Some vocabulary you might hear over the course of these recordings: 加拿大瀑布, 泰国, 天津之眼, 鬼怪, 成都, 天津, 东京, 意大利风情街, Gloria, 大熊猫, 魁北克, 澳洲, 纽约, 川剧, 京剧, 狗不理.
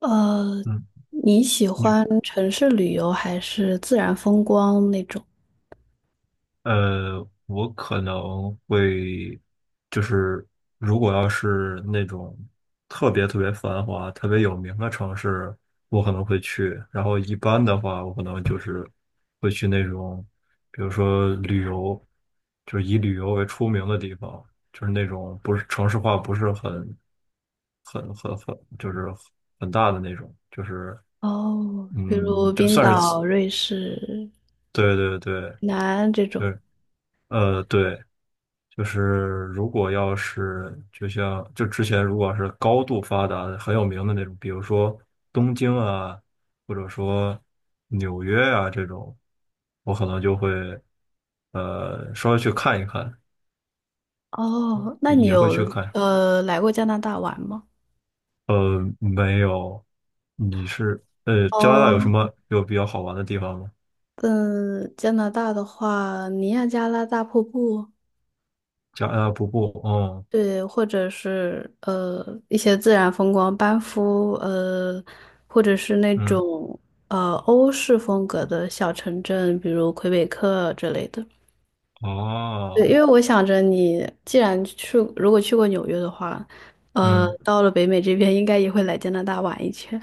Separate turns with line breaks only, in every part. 呃，
嗯，
你喜
你
欢城市旅游还是自然风光那种？
我可能会就是，如果要是那种特别特别繁华、特别有名的城市，我可能会去。然后一般的话，我可能就是会去那种，比如说旅游，就是以旅游为出名的地方，就是那种不是城市化不是很，就是很大的那种。
哦，比如
就
冰
算是
岛、瑞士、
对对对，
南安这
就
种。
是对。就是如果要是就像就之前如果是高度发达的很有名的那种，比如说东京啊，或者说纽约啊这种，我可能就会稍微去看一看，
哦，那
也
你
也会去
有
看。
来过加拿大玩吗？
没有，加拿大有什
哦，
么有比较好玩的地方吗？
嗯，加拿大的话，尼亚加拉大瀑布，
加拿大瀑布，嗯
对，或者是一些自然风光，班夫，或者是那
嗯，
种欧式风格的小城镇，比如魁北克之类的。对，因
哦，
为我想着你既然去，如果去过纽约的话，呃，
嗯。
到了北美这边应该也会来加拿大玩一圈。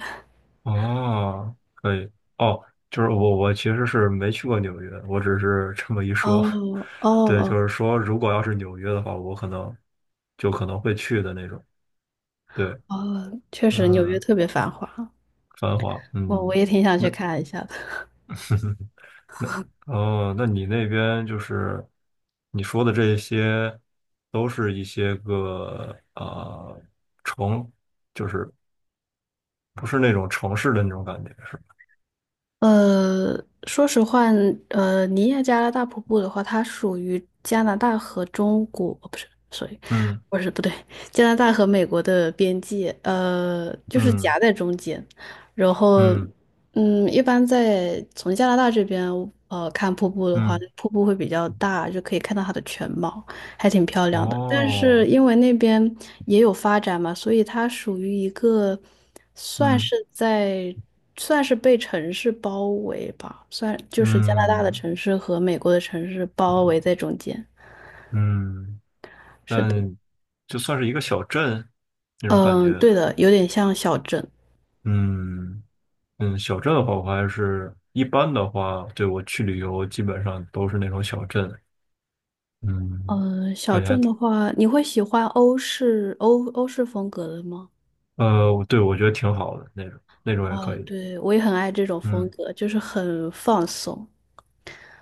哦，可以。哦，就是我其实是没去过纽约，我只是这么一说。
哦哦
对，
哦
就是说，如果要是纽约的话，我可能就可能会去的那种。对，
哦，确实纽约
嗯，
特别繁华，
繁华，
我
嗯，
也挺想去
那
看一下的。
那哦，那你那边就是你说的这些，都是一些个啊城，就是不是那种城市的那种感觉，是吧？
呃，说实话，呃，尼亚加拉大瀑布的话，它属于加拿大和中国，哦不是所以
嗯
不是，不对，加拿大和美国的边界，就是
嗯
夹在中间。然后，
嗯
嗯，一般在从加拿大这边，看瀑布的话，
嗯，
瀑布会比较大，就可以看到它的全貌。还挺漂亮的。但是
哦，
因为那边也有发展嘛，所以它属于一个算
嗯，
是在算是被城市包围吧，算就是加拿大的
嗯
城市和美国的城市包围在中间。
嗯，
是的，
但就算是一个小镇那种感
嗯，
觉。
对的，有点像小镇。
嗯嗯，小镇的话，我还是一般的话，对我去旅游基本上都是那种小镇，嗯，
嗯，小
感觉还
镇
挺，
的话，你会喜欢欧式风格的吗？
呃，我对，我觉得挺好的那种，那种也可
哦，
以。
对，我也很爱这种风
嗯，
格，就是很放松。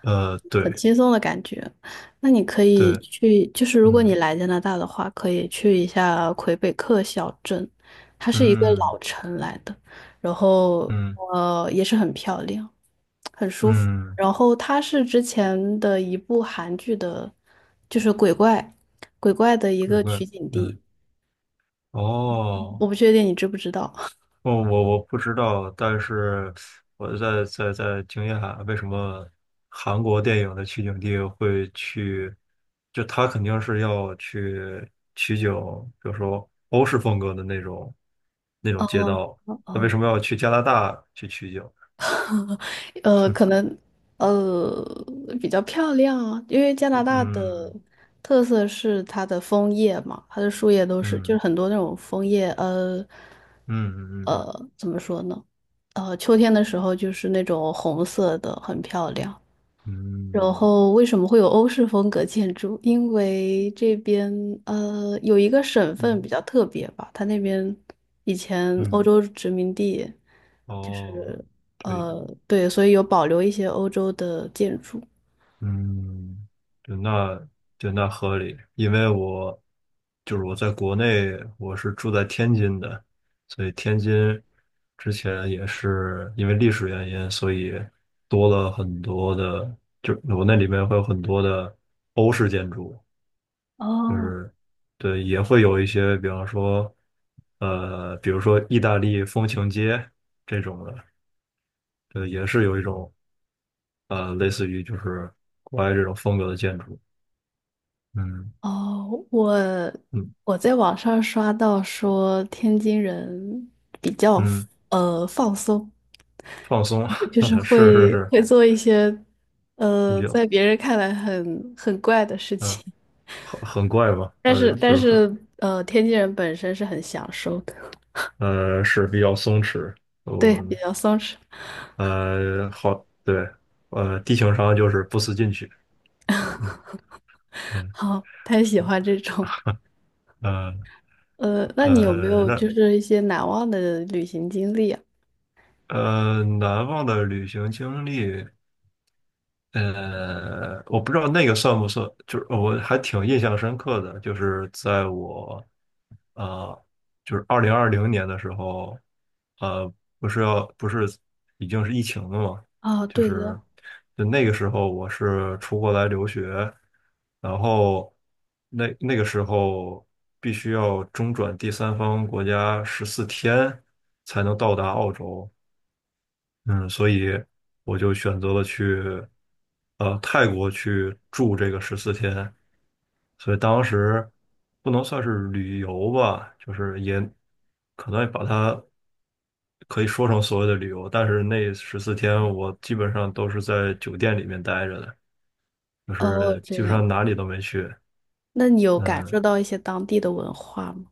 很
对
轻松的感觉。那你可以
对，
去，就是如果你
嗯
来加拿大的话，可以去一下魁北克小镇，它是一个
嗯
老城来的，然后
嗯
也是很漂亮，很舒服。
嗯，
然后它是之前的一部韩剧的，就是鬼怪，鬼怪的一
鬼
个
怪，
取景
嗯，
地，
哦，
我不确定你知不知道。
我不知道，但是我在惊讶为什么韩国电影的取景地会去，就他肯定是要去取景，比如说欧式风格的那种那种街
哦
道，
哦
那为
哦。
什么要去加拿大去取景？
可能呃比较漂亮啊，因为加拿大的
嗯
特色是它的枫叶嘛，它的树叶都是就是
嗯
很多那种枫叶，
嗯嗯嗯
怎么说呢？秋天的时候就是那种红色的，很漂亮。然
嗯
后为什么会有欧式风格建筑？因为这边有一个省份比
嗯
较特别吧，它那边以前欧
嗯，
洲殖民地，就
哦，
是
对，
对，所以有保留一些欧洲的建筑。
嗯，对，那对，那合理，因为我就是我在国内，我是住在天津的，所以天津之前也是因为历史原因，所以多了很多的，就是我那里面会有很多的欧式建筑，就
哦，
是对，也会有一些，比方说比如说意大利风情街这种的，对，也是有一种类似于就是国外这种风格的建筑。嗯，
哦，我
嗯
我在网上刷到说天津人比较
嗯，
放松，
放松，
就是
是是
会
是，
会做一些
有，
在别人看来很怪的事
嗯，
情。
很很怪吧，
但是但
就是很，
是天津人本身是很享受的，
是比较松弛，
对，比
嗯，
较松弛，
好，对，地球上就是不思进取。嗯 嗯，
好，太喜欢这种了
呃
那你有没有
那
就是一些难忘的旅行经历啊？
难忘的旅行经历，我不知道那个算不算，就是我还挺印象深刻的，就是在我呃，就是2020年的时候，呃，不是已经是疫情了嘛，
啊，
就
对
是
的，
就那个时候我是出国来留学，然后那个时候必须要中转第三方国家十四天才能到达澳洲。嗯，所以我就选择了去泰国去住这个十四天，所以当时不能算是旅游吧，就是也可能把它可以说成所谓的旅游，但是那十四天我基本上都是在酒店里面待着的，就
哦，
是
这
基本上
样，
哪里都没去。
那你有感
嗯，
受到一些当地的文化吗？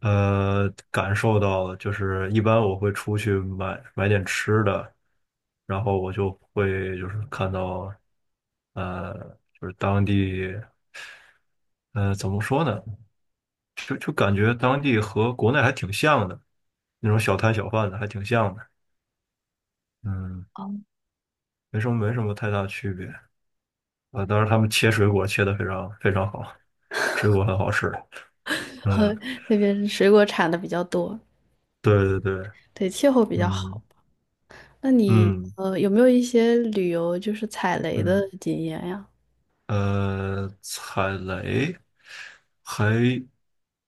感受到了，就是一般我会出去买点吃的，然后我就会就是看到呃，就是当地怎么说呢，就感觉当地和国内还挺像的，那种小摊小贩的还挺像的，嗯，
哦，
没什么太大区别啊。当然他们切水果切的非常非常好，水果很好吃。嗯，
和那边水果产的比较多，
对对对，
对，气候比较好。
嗯
那你
嗯
有没有一些旅游就是踩雷的
嗯。
经验呀？
踩雷还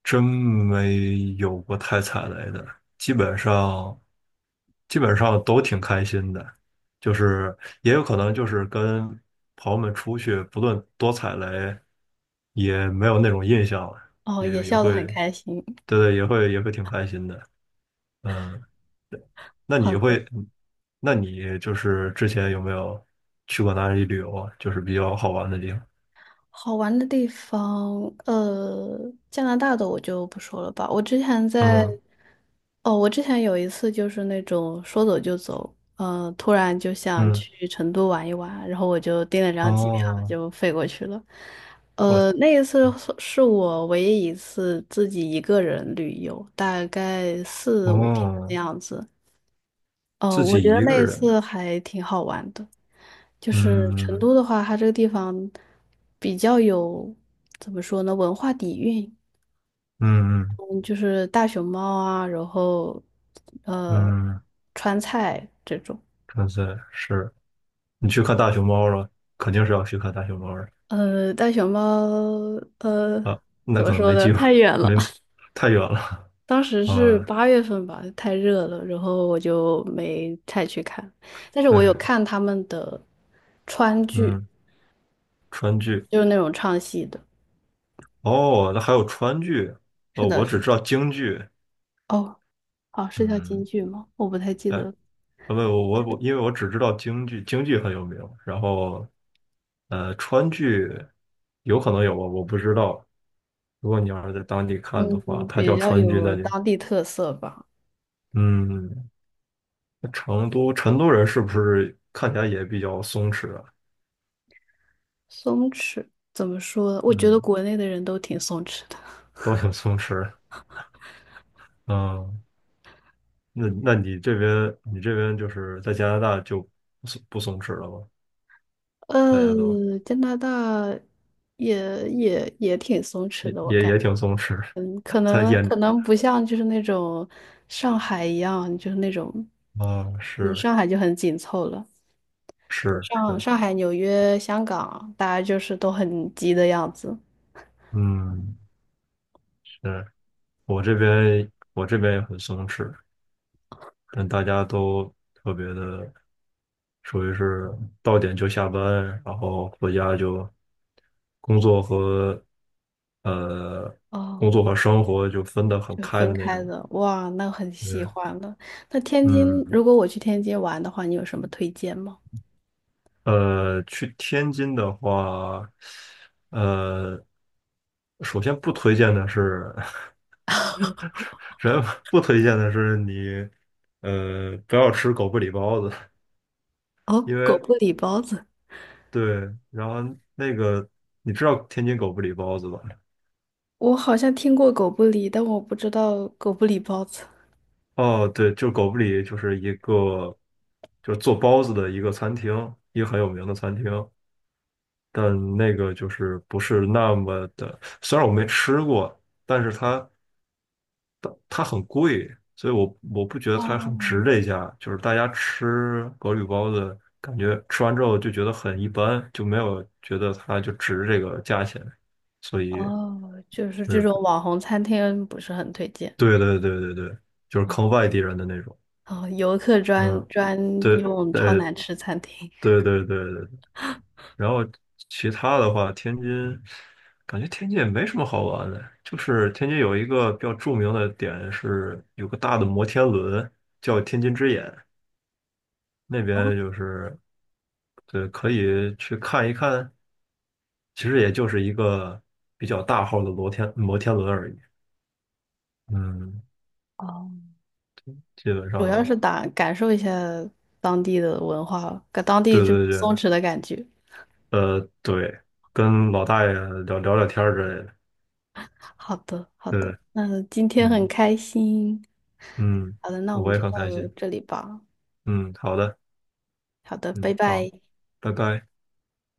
真没有过太踩雷的，基本上基本上都挺开心的，就是也有可能就是跟朋友们出去，不论多踩雷，也没有那种印象了，
哦，
也
也
也
笑得
会
很开心。
对对，也会挺开心的。嗯，那
好
你
的，
会，那你就是之前有没有去过哪里旅游啊？就是比较好玩的地方。
好玩的地方，呃，加拿大的我就不说了吧。我之前在，
嗯
哦，我之前有一次就是那种说走就走，呃，突然就想
嗯。
去成都玩一玩，然后我就订了张机票
哦，
就飞过去了。
我
那一次是我唯一一次自己一个人旅游，大概四五天的
哦，
样子。哦，
自
我觉
己
得
一
那
个
一
人，
次还挺好玩的。就是成
嗯
都的话，它这个地方比较有怎么说呢，文化底蕴。
嗯
嗯，就是大熊猫啊，然后呃，
嗯，
川菜这种。
真是，你去看大熊猫了，肯定是要去看大熊猫的
呃，大熊猫呃，
啊，那
怎么
可能
说
没
呢，
机会。
太远了。
没 太远了
当时是
啊，
八月份吧，太热了，然后我就没太去看。但是我有
哎，
看他们的川剧，
嗯，川剧，
就是那种唱戏的。
哦，那还有川剧，
是
哦，
的，
我
是
只
的。
知道京剧，
哦，哦，是叫京
嗯，
剧吗？我不太记
哎，
得
啊
了
不，我，因为我只知道京剧，京剧很有名，然后川剧有可能有吧，我不知道。如果你要是在当地看的
嗯，
话，它
比
叫
较
川剧，
有
那就
当地特色吧。
嗯，那成都人是不是看起来也比较松弛啊？
松弛怎么说？我觉得
嗯，
国内的人都挺松弛的。
都挺松弛。嗯，那你这边就是在加拿大就不松弛了吗？大家都
加拿大也也挺松弛
也
的，我
也
感觉。
也挺松弛，
嗯，可
在
能可
眼
能不像就是那种上海一样，就是那种，
啊，
你
是
上海就很紧凑了。对
是是，
上海、纽约、香港，大家就是都很急的样子。
嗯，是我这边也很松弛，但大家都特别的。属于是到点就下班，然后回家就工作和呃
哦，
工作和生活就分得很
就
开
分
的那
开
种。
的，哇，那很喜
对，
欢了。那天津，
嗯，
如果我去天津玩的话，你有什么推荐吗？
去天津的话，呃，首先不推荐的是，首先不推荐的是你，不要吃狗不理包子。
哦，
因
狗
为
不理包子。
对，然后那个你知道天津狗不理包子吧？
我好像听过狗不理，但我不知道狗不理包子。
哦，对，就狗不理就是一个，就是做包子的一个餐厅，一个很有名的餐厅，但那个就是不是那么的，虽然我没吃过，但是它，所以我不觉得它很值
哦
这一下，就是大家吃狗不理包子，感觉吃完之后就觉得很一般，就没有觉得它就值这个价钱，所以
哦，就是
就
这
是
种网红餐厅不是很推荐
对对对对对，就是
哦。
坑外地人的那种。
哦，游客专
嗯，
专
对，
用超
对
难吃餐厅，
对对对对。然后其他的话，感觉天津也没什么好玩的，就是天津有一个比较著名的点是有个大的摩天轮叫天津之眼，那边就是对可以去看一看，其实也就是一个比较大号的摩天轮而已。嗯，基本
主要
上
是打感受一下当地的文化，跟当地
对
这种
对
松
对，
弛的感觉。
对，跟老大爷聊聊天儿之类的，
好的，好的，
对，
那今天很
嗯
开心。
嗯，
好的，那我们
我也
就
很
到
开心，
这里吧。
嗯，好的，
好的，拜
嗯好，
拜。
拜拜。